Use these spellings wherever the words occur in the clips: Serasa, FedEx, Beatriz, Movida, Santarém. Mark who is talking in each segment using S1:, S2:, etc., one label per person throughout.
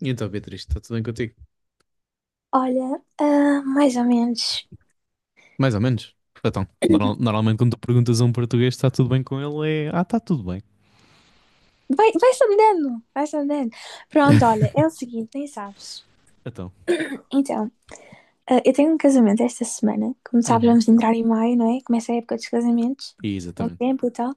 S1: E então, Beatriz, está tudo bem contigo?
S2: Olha, mais ou menos.
S1: Mais ou menos. Então, normalmente quando tu perguntas a um português se está tudo bem com ele, é está tudo bem.
S2: Vai, vai-se vai-se. Pronto, olha, é o seguinte, nem sabes.
S1: Então.
S2: Então, eu tenho um casamento esta semana. Como sabes,
S1: Uhum.
S2: vamos entrar em maio, não é? Começa a época dos casamentos, bom
S1: Exatamente.
S2: tempo e tal.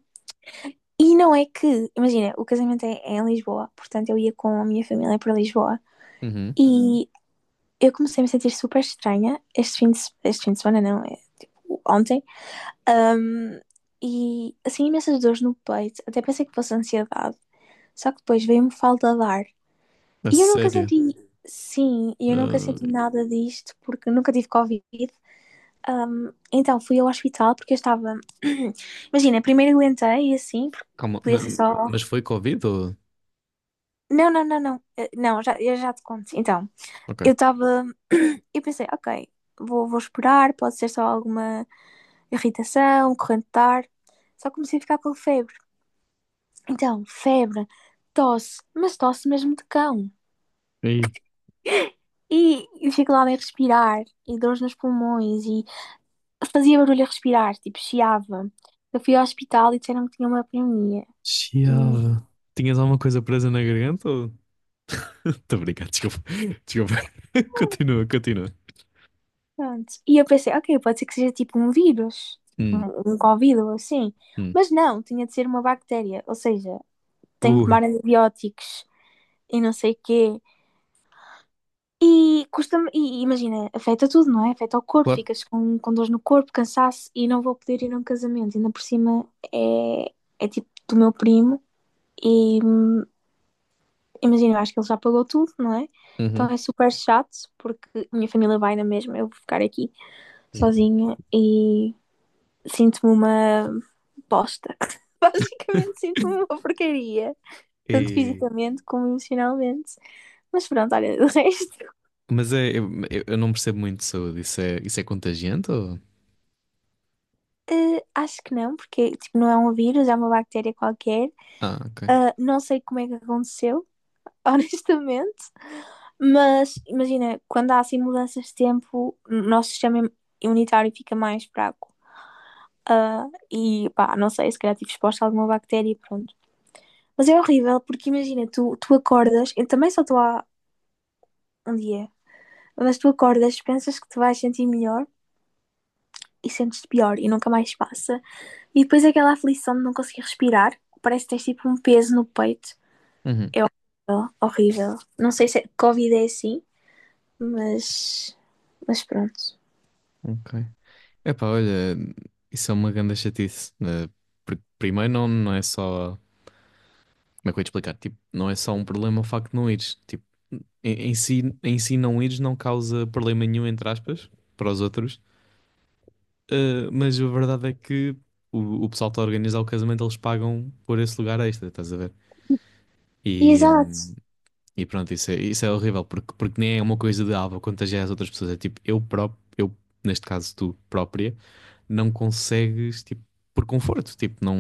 S2: E não é que, imagina, o casamento é em Lisboa, portanto eu ia com a minha família para Lisboa.
S1: Uhum.
S2: E eu comecei a me sentir super estranha este fim de, se- este fim de semana, não, é tipo ontem. E assim, imensas dores no peito. Até pensei que fosse ansiedade. Só que depois veio-me falta de ar.
S1: A
S2: E eu nunca
S1: sério?
S2: senti, sim, e eu nunca senti
S1: Ah,
S2: nada disto porque nunca tive Covid. Então fui ao hospital porque eu estava. Imagina, primeiro aguentei e assim, porque
S1: calma,
S2: podia ser só.
S1: mas foi Covid ou?
S2: Não, não, não, não. Não, eu já te conto. Então,
S1: Ok.
S2: eu estava. Eu pensei, ok, vou esperar, pode ser só alguma irritação, corrente de ar. Só comecei a ficar com febre. Então, febre, tosse, mas tosse mesmo de cão.
S1: E aí?
S2: E dificuldade em respirar, e dores nos pulmões, e fazia barulho a respirar, tipo, chiava. Eu fui ao hospital e disseram que tinha uma pneumonia. E
S1: Chiava. Tinhas alguma coisa presa na garganta ou? Estou a brincar, desculpa. Desculpa. Continua, continua.
S2: pronto. E eu pensei, ok, pode ser que seja tipo um vírus,
S1: Hum,
S2: um Covid ou assim.
S1: hum.
S2: Mas não, tinha de ser uma bactéria. Ou seja, tenho que tomar
S1: Ui,
S2: antibióticos e não sei o quê. E custa-me, e imagina, afeta tudo, não é? Afeta o corpo,
S1: claro.
S2: ficas com dores no corpo, cansaço e não vou poder ir a um casamento. Ainda por cima é tipo do meu primo. E imagina, eu acho que ele já pagou tudo, não é? Então
S1: Uhum.
S2: é super chato, porque a minha família vai na mesma, eu vou ficar aqui
S1: Yeah.
S2: sozinha e sinto-me uma bosta. Basicamente sinto-me uma porcaria, tanto
S1: E-
S2: fisicamente como emocionalmente. Mas pronto, olha, do resto,
S1: Mas é, eu não percebo muito de saúde. Isso é contagiante ou?
S2: acho que não, porque tipo, não é um vírus, é uma bactéria qualquer.
S1: Ah, ok.
S2: Ah, não sei como é que aconteceu, honestamente. Mas imagina, quando há assim mudanças de tempo, o nosso sistema imunitário fica mais fraco. Ah, e pá, não sei, se calhar tive exposta a alguma bactéria e pronto. Mas é horrível, porque imagina, tu acordas, eu também só estou há um dia, mas tu acordas, pensas que te vais sentir melhor e sentes-te pior e nunca mais passa. E depois aquela aflição de não conseguir respirar, parece que tens tipo um peso no peito.
S1: Uhum,
S2: É horrível, horrível. Não sei se é, Covid é assim, mas, mas pronto.
S1: ok. Epá, olha, isso é uma grande chatice, né? Primeiro, não, não é só. Como é que eu ia te explicar? Tipo, não é só um problema o facto de não ires. Tipo, em si não ires não causa problema nenhum, entre aspas, para os outros. Ah, mas a verdade é que o pessoal que está a organizar o casamento, eles pagam por esse lugar extra, estás a ver?
S2: E
S1: E,
S2: exato,
S1: e pronto, isso é horrível, porque nem é uma coisa de, vou contagiar as outras pessoas. É tipo, eu próprio, eu, neste caso, tu própria. Não consegues, tipo, por conforto, tipo, não.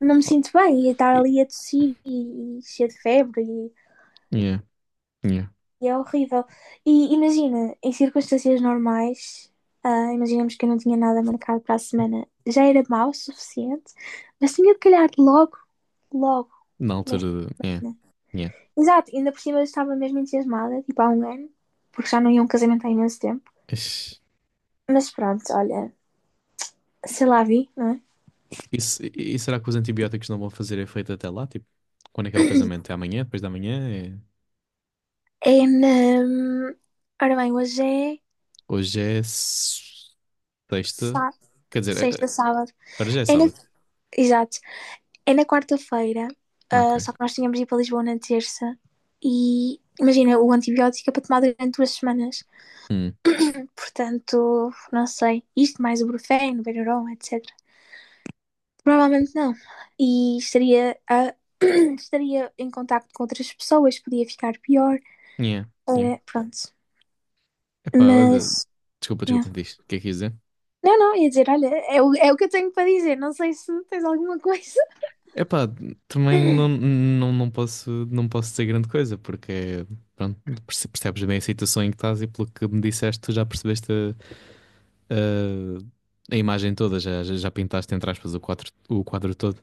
S2: não me sinto bem, e estar ali a tossir e cheia de febre e.
S1: Yeah, yeah.
S2: E é horrível. E imagina, em circunstâncias normais, imaginemos que eu não tinha nada marcado para a semana, já era mau o suficiente, mas tinha de calhar logo, logo,
S1: Na
S2: nesta
S1: altura, yeah,
S2: semana.
S1: yeah.
S2: Exato, ainda por cima eu estava mesmo entusiasmada, tipo há um ano, porque já não ia a um casamento há imenso tempo.
S1: Ixi.
S2: Mas pronto, olha, sei lá, vi, não é?
S1: E, se- e será que os antibióticos não vão fazer efeito até lá? Tipo, quando é que é o casamento? É amanhã? Depois da manhã?
S2: É na. Ora bem, hoje é
S1: Hoje é sexta.
S2: sá-
S1: Quer dizer,
S2: sexta, sábado.
S1: agora já é
S2: É na.
S1: sábado.
S2: Exato. É na quarta-feira,
S1: Ok.
S2: só que nós tínhamos ido para Lisboa na terça e imagina, o antibiótico é para tomar durante 2 semanas.
S1: Hum.
S2: Portanto, não sei, isto mais o Brufen, o Benuron, etc. Provavelmente não. E estaria, a- Estaria em contacto com outras pessoas, podia ficar pior.
S1: Yeah, yeah.
S2: Pronto.
S1: Epá, olha.
S2: Mas.
S1: Desculpa,
S2: Yeah.
S1: desculpa, diz. O que é que quis dizer?
S2: Não, não, ia dizer, olha, é o que eu tenho para dizer, não sei se tens alguma coisa.
S1: Epá, também não posso dizer grande coisa, porque pronto, percebes bem a situação em que estás e pelo que me disseste, tu já percebeste a imagem toda, já pintaste entre aspas o quadro todo.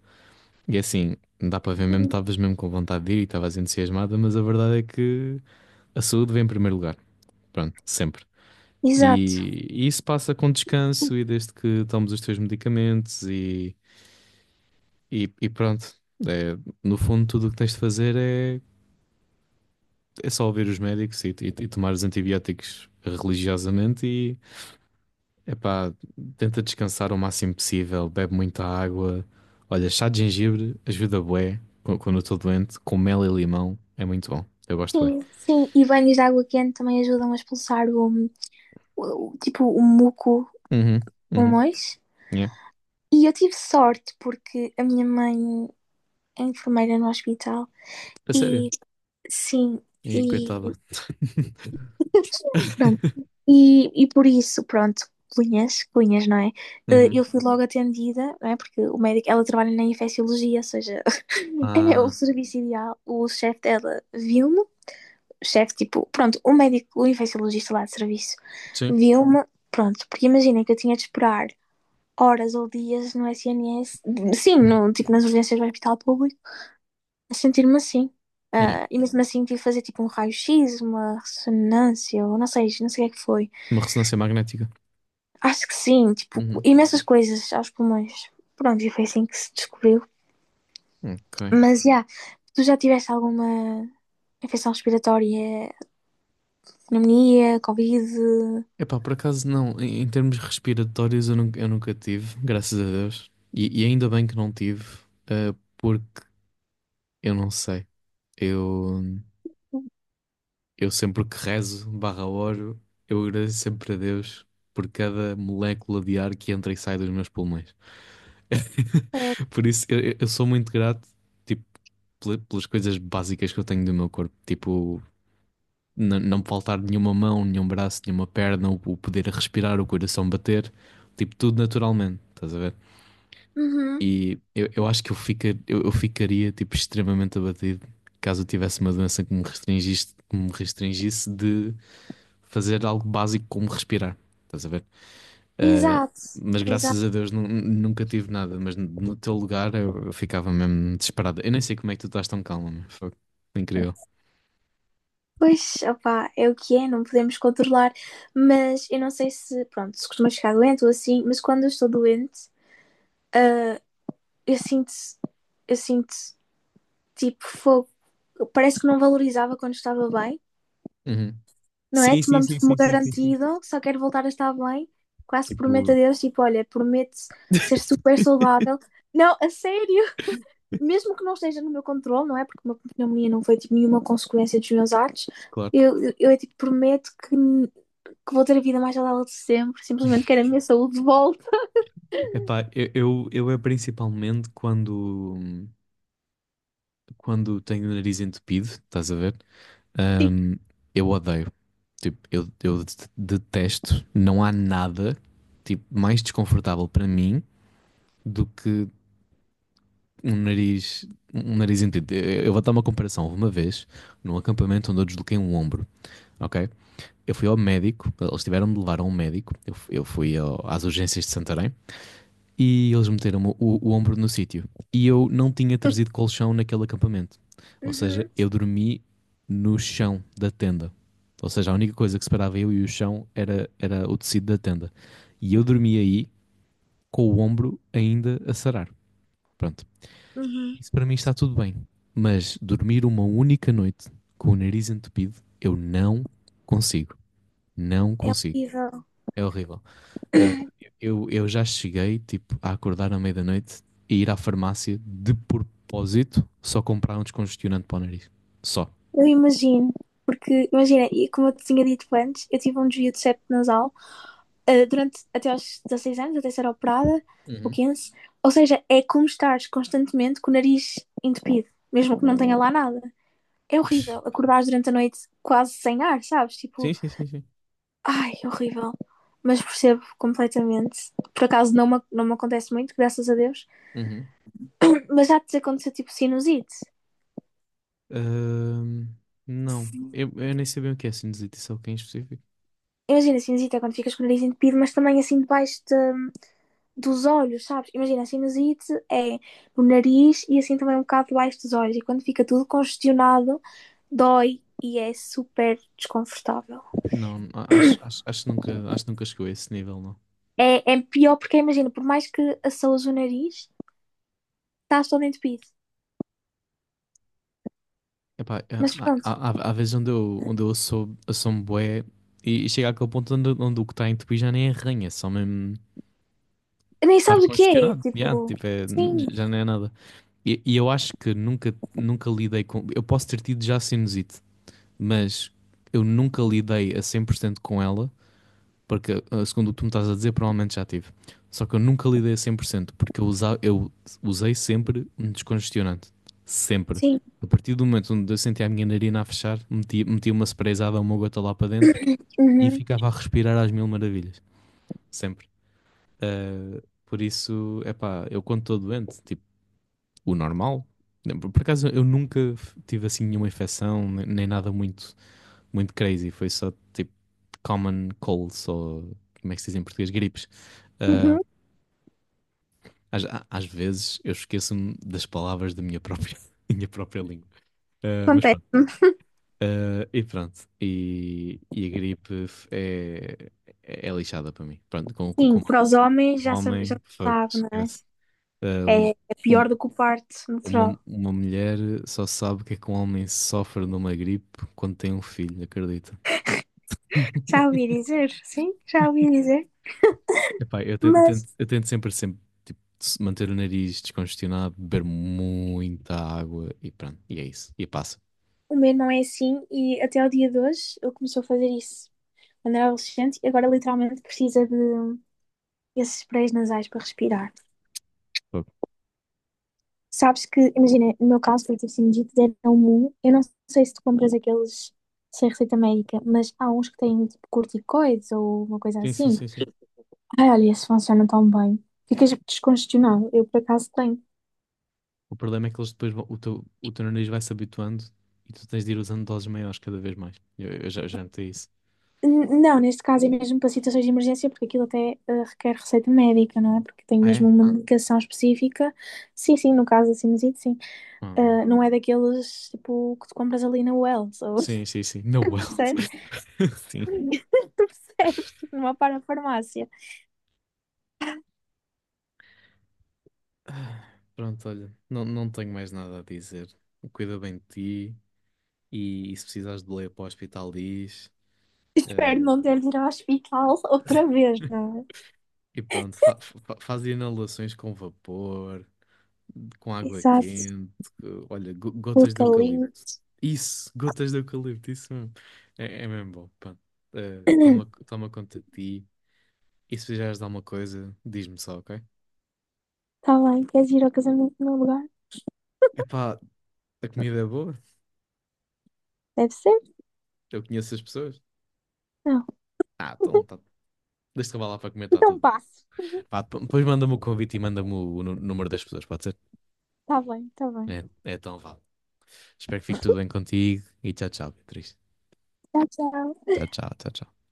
S1: E assim, dá para ver mesmo, estavas mesmo com vontade de ir e estavas entusiasmada, mas a verdade é que a saúde vem em primeiro lugar, pronto, sempre.
S2: Exato.
S1: E isso passa com descanso e desde que tomes os teus medicamentos e pronto. É, no fundo, tudo o que tens de fazer é só ouvir os médicos e tomar os antibióticos religiosamente e epá, tenta descansar o máximo possível, bebe muita água. Olha, chá de gengibre ajuda bué quando eu estou doente, com mel e limão é muito bom. Eu gosto bem.
S2: Sim, sim, e banhos de água quente também ajudam a expulsar tipo o muco do
S1: Uhum, uhum,
S2: pulmões.
S1: yeah.
S2: E eu tive sorte porque a minha mãe é enfermeira no hospital
S1: A sério.
S2: e sim,
S1: E
S2: e
S1: coitada.
S2: pronto. E por isso, pronto, cunhas, cunhas, não é? Eu
S1: Uhum.
S2: fui logo atendida, não é? Porque o médico, ela trabalha na infecciologia, ou seja, é o
S1: Ah,
S2: serviço ideal. O chefe dela viu-me chefe, tipo, pronto, o médico, o infectologista lá de serviço,
S1: sim.
S2: viu-me, pronto, porque imaginem que eu tinha de esperar horas ou dias no SNS, sim, no, tipo, nas urgências do hospital público, a sentir-me assim.
S1: Yeah.
S2: Ah, e mesmo assim tive de fazer tipo um raio-x, uma ressonância, ou não sei, não sei o que é que foi.
S1: Uma ressonância magnética.
S2: Acho que sim, tipo,
S1: Uhum.
S2: imensas coisas aos pulmões. Pronto, e foi assim que se descobriu.
S1: Ok.
S2: Mas, já, yeah, tu já tiveste alguma infecção respiratória, pneumonia, covid?
S1: Epá, por acaso não, em termos respiratórios eu nunca tive, graças a Deus. E ainda bem que não tive, porque eu não sei. Eu, eu sempre que rezo, barra oro, eu agradeço sempre a Deus por cada molécula de ar que entra e sai dos meus pulmões.
S2: É,
S1: Por isso eu sou muito grato, tipo, pelas coisas básicas que eu tenho do meu corpo, tipo não me faltar nenhuma mão, nenhum braço, nenhuma perna, o poder respirar, o coração bater, tipo, tudo naturalmente, estás a ver?
S2: uhum.
S1: E eu acho que eu ficaria, tipo, extremamente abatido caso eu tivesse uma doença que me restringisse de fazer algo básico como respirar, estás a ver? Ah,
S2: Exato,
S1: mas
S2: exato.
S1: graças a Deus nunca tive nada, mas no teu lugar eu ficava mesmo desesperado. Eu nem sei como é que tu estás tão calmo, meu. Foi incrível.
S2: Pois, opá, é o que é, não podemos controlar. Mas eu não sei se, pronto, se costuma ficar doente ou assim, mas quando eu estou doente, eu sinto, eu sinto tipo fogo. Parece que não valorizava quando estava bem,
S1: Uhum.
S2: não é?
S1: Sim, sim,
S2: Tomamos
S1: sim,
S2: como
S1: sim, sim, sim, sim.
S2: garantido, só quero voltar a estar bem. Quase que prometo a
S1: Tipo,
S2: Deus, tipo, olha, prometo ser super saudável. Não, a sério, mesmo que não esteja no meu controle, não é? Porque uma pneumonia não foi tipo, nenhuma consequência dos meus atos.
S1: claro.
S2: Eu é tipo, prometo que vou ter a vida mais saudável de sempre. Simplesmente quero a minha saúde de volta.
S1: Epá, eu é principalmente quando tenho o nariz entupido, estás a ver?
S2: E.
S1: Ahm, eu odeio. Tipo, eu detesto. Não há nada, tipo, mais desconfortável para mim do que um nariz, um nariz entupido. Eu vou dar uma comparação. Houve uma vez, num acampamento onde eu desloquei um ombro, ok? Eu fui ao médico, eles tiveram de me levar a um médico. Eu fui às urgências de Santarém. E eles meteram-me o ombro no sítio. E eu não tinha trazido colchão naquele acampamento. Ou seja,
S2: Uhum,
S1: eu dormi no chão da tenda. Ou seja, a única coisa que separava eu e o chão era o tecido da tenda. E eu dormi aí com o ombro ainda a sarar. Pronto.
S2: uhum.
S1: Isso para mim está tudo bem. Mas dormir uma única noite com o nariz entupido, eu não consigo. Não
S2: É
S1: consigo.
S2: horrível.
S1: É horrível. Uh, eu já cheguei, tipo, a acordar à meia-noite da e ir à farmácia de propósito só comprar um descongestionante para o nariz. Só.
S2: Eu imagino. Porque, imagina, e como eu te tinha dito antes, eu tive um desvio de septo nasal. Durante até aos 16 anos, até ser operada, ou
S1: Uhum.
S2: quinze. Ou seja, é como estares constantemente com o nariz entupido, mesmo que não tenha lá nada. É horrível
S1: Psh.
S2: acordares durante a noite quase sem ar, sabes? Tipo,
S1: Sim, sim, sim, sim.
S2: ai, é horrível. Mas percebo completamente. Por acaso não me acontece muito, graças a Deus.
S1: Uhum.
S2: Mas já te aconteceu tipo sinusite.
S1: Ahm, não, eu nem sabia o que é sinusite, só que em específico.
S2: Imagina, sinusite é quando ficas com o nariz entupido, mas também assim debaixo da dos olhos, sabes? Imagina, a sinusite é no nariz e assim também um bocado debaixo dos olhos. E quando fica tudo congestionado, dói e é super desconfortável.
S1: Não, acho que nunca chegou a esse nível, não.
S2: É pior porque, imagina, por mais que assoas o nariz, estás todo entupido.
S1: Epá,
S2: Mas pronto,
S1: há vezes onde eu sou um bué e chega àquele ponto onde o que está em tupi já nem arranha, é só mesmo
S2: nem
S1: estar
S2: sabes o que é.
S1: congestionado. Yeah,
S2: Tipo,
S1: tipo, é,
S2: sim,
S1: já não é nada. E eu acho que nunca lidei com. Eu posso ter tido já sinusite, mas eu nunca lidei a 100% com ela, porque segundo o que tu me estás a dizer, provavelmente já tive. Só que eu nunca lidei a 100% porque eu usei sempre um descongestionante. Sempre.
S2: sim.
S1: A partir do momento onde eu sentia a minha narina a fechar, metia uma sprayzada ou uma gota lá para dentro e
S2: Uhum,
S1: ficava a respirar às mil maravilhas. Sempre. Ah, por isso, é pá, eu quando estou doente, tipo o normal. Por acaso eu nunca tive assim nenhuma infecção, nem nada muito, muito crazy. Foi só tipo common colds ou como é que se diz em português? Gripes. Ah,
S2: uhum.
S1: às vezes eu esqueço-me das palavras da minha própria, minha própria língua. Ah, mas pronto.
S2: Acontece-me.
S1: Ah, e pronto. E a gripe é, lixada para mim. Pronto, com
S2: Sim, para os homens
S1: o
S2: já
S1: homem, fuck,
S2: sabe, não é?
S1: esquece. Ah, um,
S2: É
S1: um,
S2: pior do que o parto
S1: Uma,
S2: natural.
S1: uma mulher só sabe que é que um homem sofre de uma gripe quando tem um filho, acredita?
S2: Já ouvi dizer, sim, já ouvi dizer.
S1: Epá, eu tento, eu tento,
S2: Mas
S1: eu tento sempre, sempre tipo, manter o nariz descongestionado, beber muita água e pronto, e é isso. E passa.
S2: o meu não é assim e até ao dia de hoje ele começou a fazer isso quando era adolescente e agora literalmente precisa de esses sprays nasais para respirar.
S1: Fogo.
S2: Sabes que, imagina, no meu caso foi tipo sinusite, deram um. Eu não sei se tu compras aqueles sem receita médica, mas há uns que têm tipo corticoides ou uma coisa
S1: Sim, sim,
S2: assim.
S1: sim, sim.
S2: Ai, olha, esses funcionam tão bem. Ficas descongestionado. Eu por acaso tenho.
S1: O problema é que eles depois vão, o teu nariz vai se habituando e tu tens de ir usando doses maiores cada vez mais. Eu já notei isso.
S2: Não, neste caso é mesmo para situações de emergência, porque aquilo até requer receita médica, não é? Porque tem
S1: Ah,
S2: mesmo
S1: é?
S2: uma medicação específica. Sim, sim, no caso da sinusite, sim.
S1: Ah,
S2: Não é daqueles, tipo, que tu compras ali na Wells, ou
S1: sim, sim, sim. No well.
S2: percebes?
S1: Sim.
S2: Tu percebes, tipo, numa parafarmácia.
S1: Ah, pronto, olha, não tenho mais nada a dizer. Cuida bem de ti e se precisares de leia para o hospital, diz.
S2: Espero não
S1: Eh,
S2: ter de ir ao hospital outra vez, não é?
S1: e pronto, faz inalações com vapor, com água
S2: Exato,
S1: quente, olha, gotas de
S2: puta lindo.
S1: eucalipto. Isso, gotas de eucalipto, isso mesmo. É mesmo bom. Pronto. Eh, toma, toma conta de ti e se precisares de alguma coisa, diz-me só, ok?
S2: Tá bem, queres ir ao casamento no meu lugar?
S1: Epá, a comida é boa,
S2: Deve ser?
S1: eu conheço as pessoas.
S2: Não.
S1: Ah, então, tá. Deixa-te lá para comentar
S2: Então
S1: tudo bem.
S2: passo.
S1: Pá, depois manda-me o convite e manda-me o número das pessoas, pode ser?
S2: Tá bem, tá bem.
S1: É então vá. Espero que fique tudo bem contigo e tchau, tchau, Beatriz.
S2: Tchau, tchau.
S1: Tchau, tchau, tchau, tchau.